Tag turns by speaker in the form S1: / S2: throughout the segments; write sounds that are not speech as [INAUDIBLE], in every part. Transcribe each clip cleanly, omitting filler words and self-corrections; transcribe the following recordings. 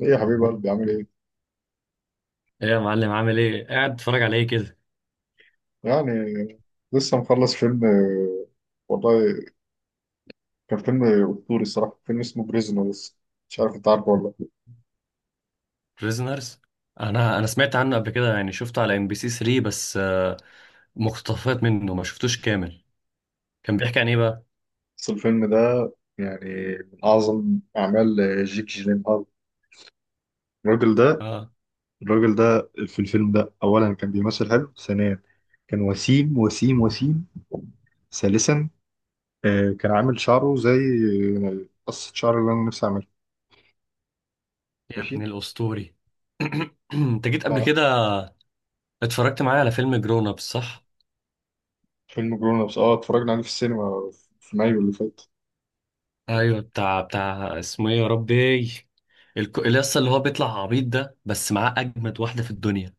S1: ايه يا حبيب قلبي عامل ايه؟
S2: ايه يا معلم، عامل ايه؟ قاعد اتفرج على ايه كده؟
S1: يعني لسه مخلص فيلم والله كان فيلم اسطوري الصراحه، فيلم اسمه بريزنرز. مش عارف انت عارفه ولا لا.
S2: بريزنرز. انا سمعت عنه قبل كده، يعني شفته على ام بي سي 3 بس مقتطفات منه ما شفتوش كامل. كان بيحكي عن ايه بقى؟
S1: بس الفيلم ده يعني من اعظم اعمال جيك جيلينهال. الراجل ده
S2: اه،
S1: الراجل ده في الفيلم ده، اولا كان بيمثل حلو، ثانيا كان وسيم وسيم وسيم، ثالثا كان عامل شعره زي قصة شعر اللي انا نفسي اعملها.
S2: يا ابن
S1: ماشي.
S2: الاسطوري. [CLEARS THROAT] انت جيت قبل
S1: ف-
S2: كده اتفرجت معايا على فيلم جرون اب، صح؟
S1: فيلم جرون ابس، اه اتفرجنا عليه في السينما في مايو اللي فات.
S2: ايوه، بتاع اسمه ايه يا ربي؟ اليس اللي هو بيطلع عبيط ده بس معاه اجمد واحده في الدنيا.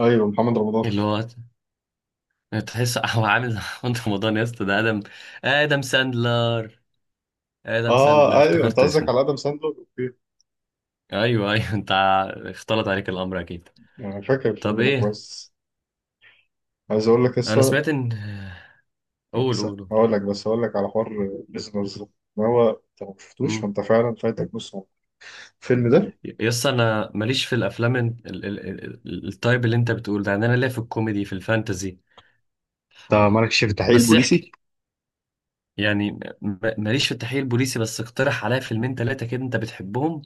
S1: ايوه، محمد رمضان.
S2: اللي هو، تحس هو عامل [LAUGHS] محمد رمضان يا اسطى. ده ادم. ادم ساندلر. ادم ساندلر،
S1: اه ايوه، انت
S2: افتكرت
S1: قصدك
S2: اسمه.
S1: على ادم ساندلر. اوكي،
S2: ايوه، ايوه، انت اختلط عليك الامر اكيد.
S1: انا فاكر
S2: طب
S1: الفيلم ده
S2: ايه؟
S1: كويس. عايز اقول لك
S2: انا
S1: لسه.
S2: سمعت ان، قول،
S1: بس-
S2: قول، قول.
S1: هقول لك بس هقول لك على حوار. بريزنرز ده، إن هو انت لو ما شفتوش
S2: مم.
S1: فانت فعلا فايتك نص عمرك، الفيلم ده.
S2: يس، انا ماليش في الافلام التايب اللي انت بتقول ده. يعني انا ليا في الكوميدي، في الفانتزي. ف
S1: انت مالكش في التحقيق
S2: بس
S1: البوليسي.
S2: احكي. يعني ماليش في التحقيق البوليسي، بس اقترح عليا فيلمين ثلاثه كده انت بتحبهم.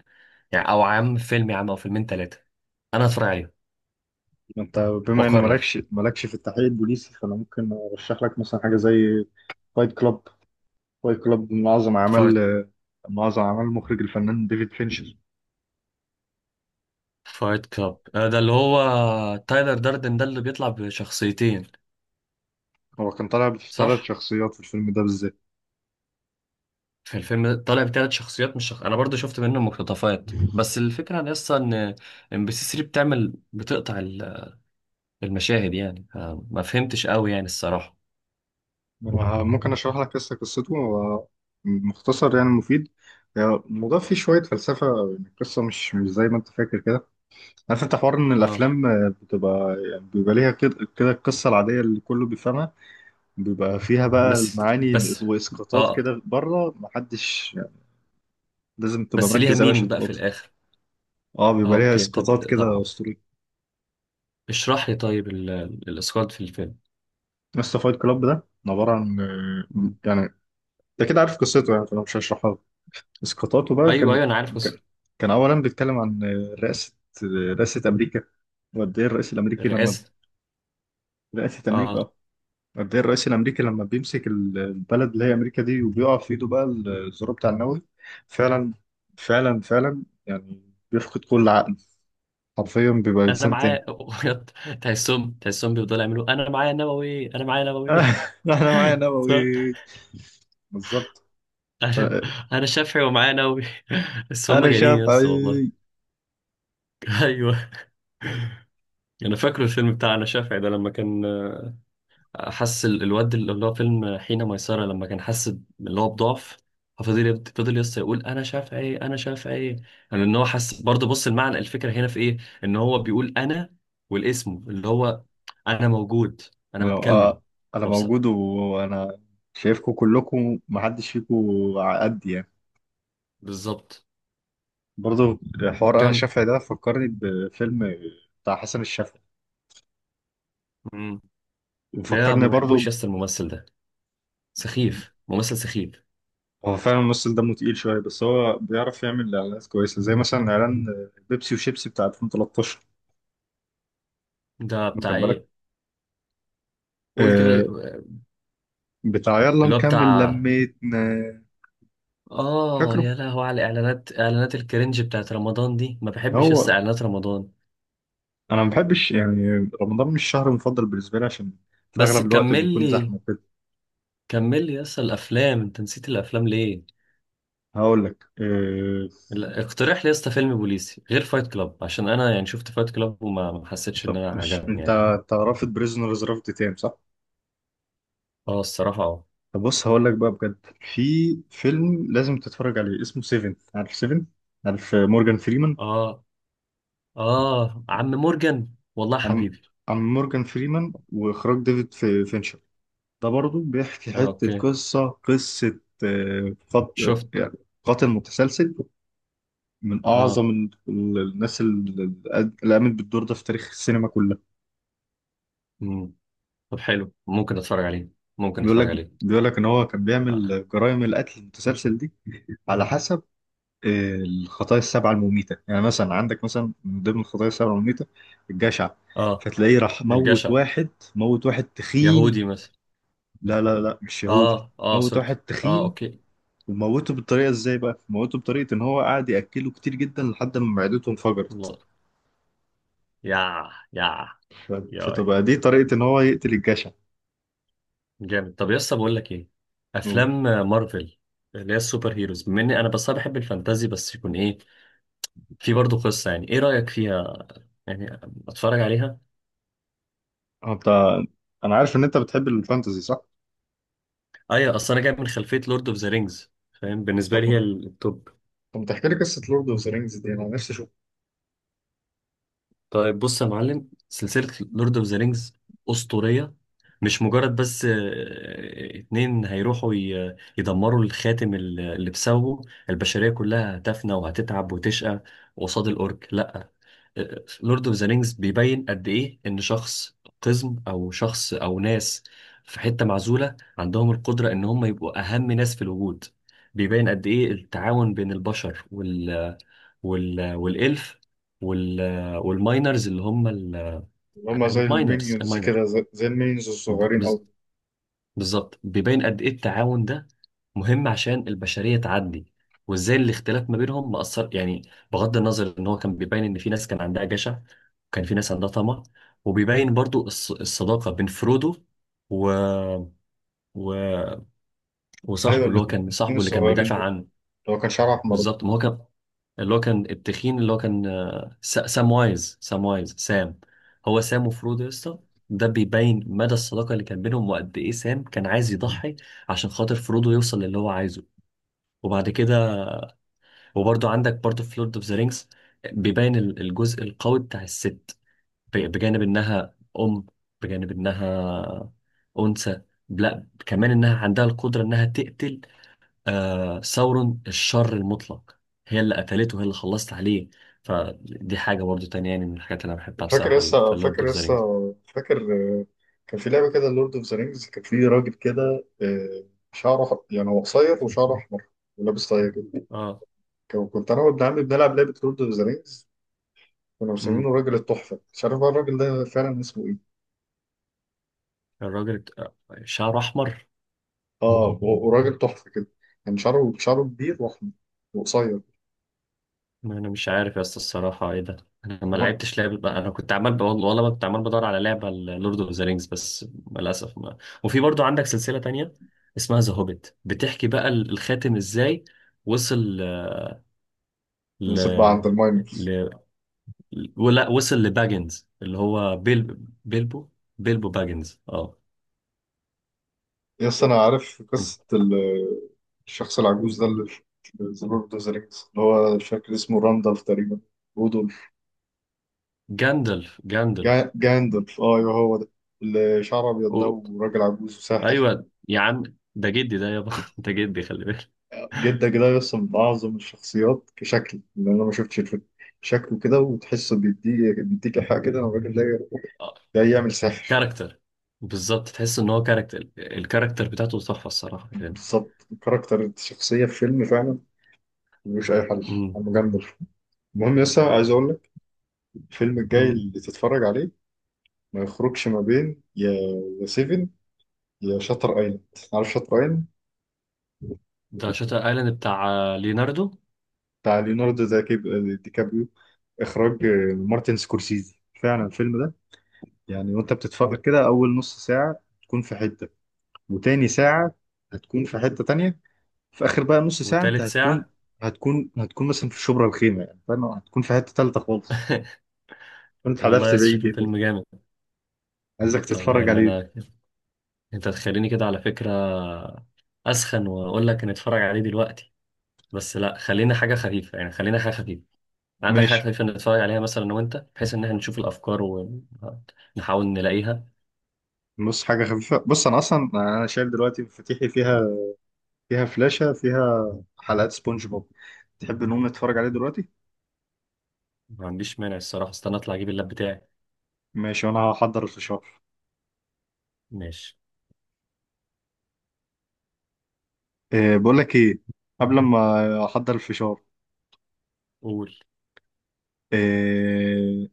S2: يعني او عم فيلم يا عم، او فيلمين ثلاثه. انا هتفرج عليهم
S1: انت بما ان
S2: واقرر.
S1: مالكش في التحقيق البوليسي، فانا ممكن ارشح لك مثلا حاجه زي فايت كلاب. فايت كلاب من اعظم اعمال
S2: فايت
S1: من اعظم اعمال المخرج الفنان ديفيد فينشر.
S2: فايت كلاب ده اللي هو تايلر داردن ده اللي بيطلع بشخصيتين،
S1: هو كان طالع بثلاث
S2: صح؟
S1: شخصيات في الفيلم ده بالذات.
S2: في الفيلم ده طالع بثلاث شخصيات مش شخص... انا برضو شفت منه مقتطفات، بس الفكره ان اصلا ان ام بي سي 3 بتعمل بتقطع المشاهد يعني. ما فهمتش قوي يعني الصراحه.
S1: ممكن اشرح لك قصته هو، مختصر يعني مفيد. يعني الموضوع فيه شويه فلسفه، يعني القصه مش زي ما انت فاكر كده. عارف انت حوار ان
S2: اه.
S1: الافلام بتبقى يعني بيبقى ليها كده كده القصه العاديه اللي كله بيفهمها، بيبقى فيها بقى
S2: بس
S1: المعاني
S2: بس.
S1: واسقاطات
S2: اه.
S1: كده بره، محدش يعني لازم تبقى
S2: بس ليها
S1: مركز قوي عشان
S2: مينينج بقى في
S1: تلقطها.
S2: الاخر؟
S1: اه،
S2: اه،
S1: بيبقى ليها
S2: اوكي، طب
S1: اسقاطات
S2: طب.
S1: كده اسطوريه.
S2: اشرح لي طيب الاسقاط في الفيلم.
S1: بس فايت كلاب ده عباره عن،
S2: مم.
S1: يعني انت كده عارف قصته، يعني فانا مش هشرحها. اسقاطاته بقى
S2: ايوه، ايوه، انا عارف قصة
S1: كان كان اولا بيتكلم عن رئاسه رئاسه امريكا. وقد ايه الرئيس الامريكي لما
S2: الرئاسه.
S1: رئاسه امريكا،
S2: اه،
S1: قد ايه الرئيس الامريكي لما بيمسك البلد اللي هي امريكا دي، وبيقع في ايده بقى الزرار بتاع النووي. فعلا، فعلا فعلا يعني بيفقد كل عقل، حرفيا بيبقى
S2: انا
S1: انسان
S2: معاه.
S1: تاني.
S2: [LAUGHS] تحسهم بيفضلوا يعملوا: انا معايا نووي، انا معايا نووي.
S1: [LAUGHS] انا معايا
S2: [LAUGHS]
S1: نووي. بالظبط.
S2: [LAUGHS]
S1: ف-
S2: انا، انا شافعي ومعايا نووي. [LAUGHS] بس هم
S1: انا
S2: جانين يا اسطى،
S1: شافعي.
S2: والله. [LAUGHS] ايوه. انا فاكره الفيلم بتاع انا شافعي ده، لما كان حس الواد، اللي هو فيلم حين ميسرة، لما كان حس اللي هو بضعف. فضل يس يقول: انا شافعي، انا شافعي. يعني ان هو حس برضه. بص، المعنى، الفكره هنا في ايه؟ ان هو بيقول انا، والاسم اللي هو انا موجود، انا
S1: ولو
S2: بتكلم.
S1: انا
S2: طب صح.
S1: موجود وانا شايفكم كلكم، محدش فيكم على قدي يعني.
S2: بالظبط.
S1: برضو حوار انا
S2: كم؟
S1: الشافعي ده فكرني بفيلم بتاع حسن الشافعي،
S2: مم. لا،
S1: وفكرني
S2: ما
S1: برضو
S2: بحبوش يس. الممثل ده سخيف، ممثل سخيف.
S1: هو فعلا الممثل دمه تقيل شويه، بس هو بيعرف يعمل اعلانات كويسه، زي مثلا اعلان بيبسي وشيبسي بتاع 2013.
S2: ده
S1: واخد
S2: بتاع
S1: بالك؟
S2: ايه؟ قول كده.
S1: آه، بتاع يلا
S2: اللي هو
S1: نكمل
S2: بتاع،
S1: لميتنا.
S2: اه
S1: فاكره؟
S2: يا لهو على اعلانات، اعلانات الكرنج بتاعت رمضان دي. ما بحبش لسه
S1: هو
S2: اعلانات رمضان.
S1: انا ما بحبش يعني رمضان، مش الشهر المفضل بالنسبه لي، عشان في
S2: بس
S1: اغلب الوقت
S2: كمل
S1: بيكون
S2: لي،
S1: زحمه كده.
S2: كمل لي لسه الافلام، انت نسيت الافلام ليه؟
S1: هقول لك
S2: لا، اقترح لي لسه فيلم بوليسي غير فايت كلاب، عشان انا يعني شفت فايت كلاب وما ما حسيتش ان
S1: طب
S2: انا
S1: مش
S2: عجبني
S1: انت
S2: يعني.
S1: انت رافض بريزنرز رفض تام، صح؟
S2: اه، الصراحة، اه.
S1: طب بص، هقول لك بقى بجد، في فيلم لازم تتفرج عليه اسمه سيفن. عارف سيفن؟ عارف مورجان فريمان؟
S2: اه، اه عم مورجان، والله
S1: عن
S2: حبيبي.
S1: عن مورجان فريمان واخراج ديفيد فينشر. ده برضو بيحكي
S2: اه،
S1: حتة
S2: اوكي.
S1: قصة،
S2: شفت.
S1: يعني قاتل متسلسل. من
S2: اه.
S1: أعظم الناس اللي قامت بالدور ده في تاريخ السينما كلها.
S2: مم. طب حلو، ممكن اتفرج عليه، ممكن
S1: بيقول
S2: اتفرج
S1: لك
S2: عليه.
S1: بيقول لك إن هو كان
S2: اه،
S1: بيعمل جرائم القتل المتسلسل دي على حسب الخطايا السبعة المميتة. يعني مثلا عندك، مثلا من ضمن الخطايا السبعة المميتة الجشع،
S2: آه.
S1: فتلاقيه راح موت
S2: الجشع.
S1: واحد. موت واحد
S2: يهودي
S1: تخين.
S2: مثلا؟
S1: لا لا لا، مش يهودي.
S2: اه، اه،
S1: موت
S2: سوري.
S1: واحد
S2: اه،
S1: تخين،
S2: اوكي.
S1: وموته بالطريقة ازاي بقى؟ موته بطريقة ان هو قعد يأكله كتير جدا لحد ما معدته انفجرت.
S2: الله. يا يا
S1: ف-
S2: يا
S1: فتبقى دي طريقة ان هو يقتل الجشع.
S2: جامد. طب يا اسطى بقول لك ايه؟
S1: أوه.
S2: افلام مارفل، اللي هي السوبر هيروز. بما اني انا بس أنا بحب الفانتازي، بس يكون ايه؟ في برضه قصه. يعني ايه رايك فيها؟ يعني اتفرج عليها؟
S1: انت انا عارف ان انت بتحب الفانتزي، صح؟
S2: ايوه، اصل انا جاي من خلفيه لورد اوف ذا رينجز، فاهم. بالنسبه
S1: طب،
S2: لي هي التوب.
S1: طب، ما تحكي لي قصة لورد اوف ذا رينجز دي، انا نفسي اشوف.
S2: طيب بص يا معلم، سلسلة لورد اوف ذا رينجز أسطورية. مش مجرد بس اتنين هيروحوا يدمروا الخاتم اللي بسببه البشرية كلها هتفنى، وهتتعب، وتشقى قصاد الأورك، لأ. لورد اوف ذا رينجز بيبين قد إيه إن شخص قزم، أو شخص، أو ناس في حتة معزولة عندهم القدرة إن هم يبقوا أهم ناس في الوجود. بيبين قد إيه التعاون بين البشر والإلف وال والماينرز اللي هم
S1: اللي هم زي
S2: الماينرز
S1: المينيونز
S2: الماينر
S1: كده، زي المينيونز الصغيرين.
S2: بز- بالظبط، بيبين قد إيه التعاون ده مهم عشان البشرية تعدي، وإزاي الاختلاف ما بينهم مأثر يعني. بغض النظر، إن هو كان بيبين إن في ناس كان عندها جشع، وكان في ناس عندها طمع. وبيبين برضو الصداقة بين فرودو و... و...
S1: ايوه،
S2: وصاحبه، اللي هو كان
S1: الاثنين
S2: صاحبه اللي كان
S1: الصغيرين
S2: بيدافع
S1: دول،
S2: عنه.
S1: اللي هو كان شعره احمر ده.
S2: بالظبط، ما هو كان اللي هو كان التخين، اللي هو كان سام وايز، سام وايز، سام. هو سام وفرودو يا اسطى. ده بيبين مدى الصداقة اللي كان بينهم، وقد ايه سام كان عايز يضحي عشان خاطر فرودو يوصل للي هو عايزه. وبعد كده، وبرضه عندك برضه في لورد اوف ذا رينجز بيبين الجزء القوي بتاع الست، بجانب انها ام، بجانب انها انثى. لا، كمان انها عندها القدرة انها تقتل ثورن الشر المطلق. هي اللي قتلته، هي اللي خلصت عليه. فدي حاجة برضو تانية يعني، من الحاجات اللي أنا بحبها
S1: فاكر
S2: بصراحة في
S1: لسه
S2: لورد أوف
S1: فاكر
S2: ذا
S1: لسه
S2: رينجز.
S1: فاكر آه، كان في لعبه كده لورد اوف ذا رينجز، كان في راجل كده شعره يعني هو قصير وشعره احمر، ولابس طاقيه كده.
S2: اه.
S1: كنت انا وابن عمي بنلعب لعبه لورد اوف ذا رينجز، كنا مسمينه
S2: امم
S1: راجل التحفه، مش عارف بقى الراجل ده فعلا اسمه ايه.
S2: الراجل شعره أحمر.
S1: اه، وراجل تحفه كده، كان شعره كبير واحمر وقصير.
S2: ما أنا مش عارف يا اسطى الصراحة إيه ده. أنا ما لعبتش لعبة، أنا كنت عمال والله كنت عمال بدور على لعبة لورد أوف ذا رينجز، بس للأسف ما... وفي برضو عندك سلسلة تانية اسمها ذا هوبيت، بتحكي بقى الخاتم إزاي وصل ل...
S1: بس بقى عند الماين،
S2: ل... ولا وصل لباجنز اللي هو بيل، بيلبو، بيلبو باجنز، اه.
S1: يس انا عارف قصه الشخص العجوز ده اللي في ذا لورد اوف ذا رينجز، اللي هو مش فاكر اسمه، راندالف تقريبا، رودولف،
S2: جاندلف
S1: جاندلف. اه ايوه، هو ده، اللي شعره ابيض ده،
S2: و...
S1: وراجل عجوز وساحر
S2: ايوه يا عم، ده جدي ده يابا. [LAUGHS] ده جدي، خلي بالك.
S1: جدا كده. يس، من اعظم الشخصيات كشكل، لان انا ما شفتش الفيلم، شكله كده وتحسه بيديك ايحاء كده ان الراجل ده
S2: آه،
S1: جاي يعمل ساحر.
S2: كاركتر. بالظبط، تحس ان هو كاركتر. الكاركتر بتاعته تحفه الصراحه يعني.
S1: بالظبط، كاركتر الشخصية في فيلم فعلا ملوش أي حل،
S2: امم.
S1: عم جندلف. المهم يس، عايز أقول لك، الفيلم الجاي
S2: أمم.
S1: اللي تتفرج عليه ما يخرجش ما بين يا سيفن، يا شاتر ايلاند. عارف شاتر ايلاند؟
S2: ده شاتر ايلاند بتاع ليوناردو.
S1: بتاع ليوناردو دا كيب- آه، دي كابريو، اخراج مارتن سكورسيزي. فعلا الفيلم ده، يعني وانت بتتفرج كده، اول نص ساعه تكون في حته، وتاني ساعه هتكون في حته تانية، في اخر بقى نص ساعه انت
S2: وتالت
S1: هتكون،
S2: ساعه؟
S1: مثلا في شبرا الخيمه، يعني فاهم، هتكون في حته تالته خالص.
S2: [LAUGHS]
S1: كنت
S2: والله
S1: حدفت
S2: يا اسطى
S1: بعيد
S2: شكله
S1: يعني.
S2: فيلم جامد.
S1: عايزك
S2: طب
S1: تتفرج
S2: يعني
S1: عليه.
S2: انا، انت تخليني كده على فكره اسخن واقول لك نتفرج عليه دلوقتي. بس لا، خلينا حاجة خفيفة يعني، خلينا حاجة خفيفة. عندك حاجة
S1: ماشي،
S2: خفيفة نتفرج عليها مثلا أنا وأنت، بحيث إن إحنا نشوف الأفكار ونحاول نلاقيها.
S1: بص حاجه خفيفه. بص انا اصلا شايل دلوقتي مفاتيحي، فيها فلاشه فيها حلقات سبونج بوب. تحب نقوم نتفرج عليه دلوقتي؟
S2: ما عنديش مانع الصراحة، استنى أطلع أجيب اللاب بتاعي.
S1: ماشي، وانا هحضر الفشار.
S2: ماشي.
S1: إيه، بقول لك ايه؟ قبل ما احضر الفشار،
S2: قول،
S1: إيه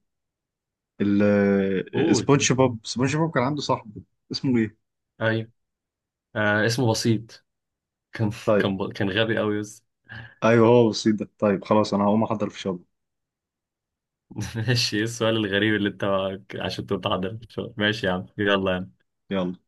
S1: ال-
S2: قول.
S1: سبونج بوب كان عنده صاحب، اسمه ايه؟
S2: أيوة، آه اسمه بسيط. كان،
S1: طيب،
S2: كان كان غبي أوي يس.
S1: ايوه هو بسيط ده، طيب خلاص انا هقوم احضر الفشار.
S2: [LAUGHS] ماشي، إيه السؤال الغريب اللي أنت عشان تتعضل؟ ماشي يا عم، يلا.
S1: يلا.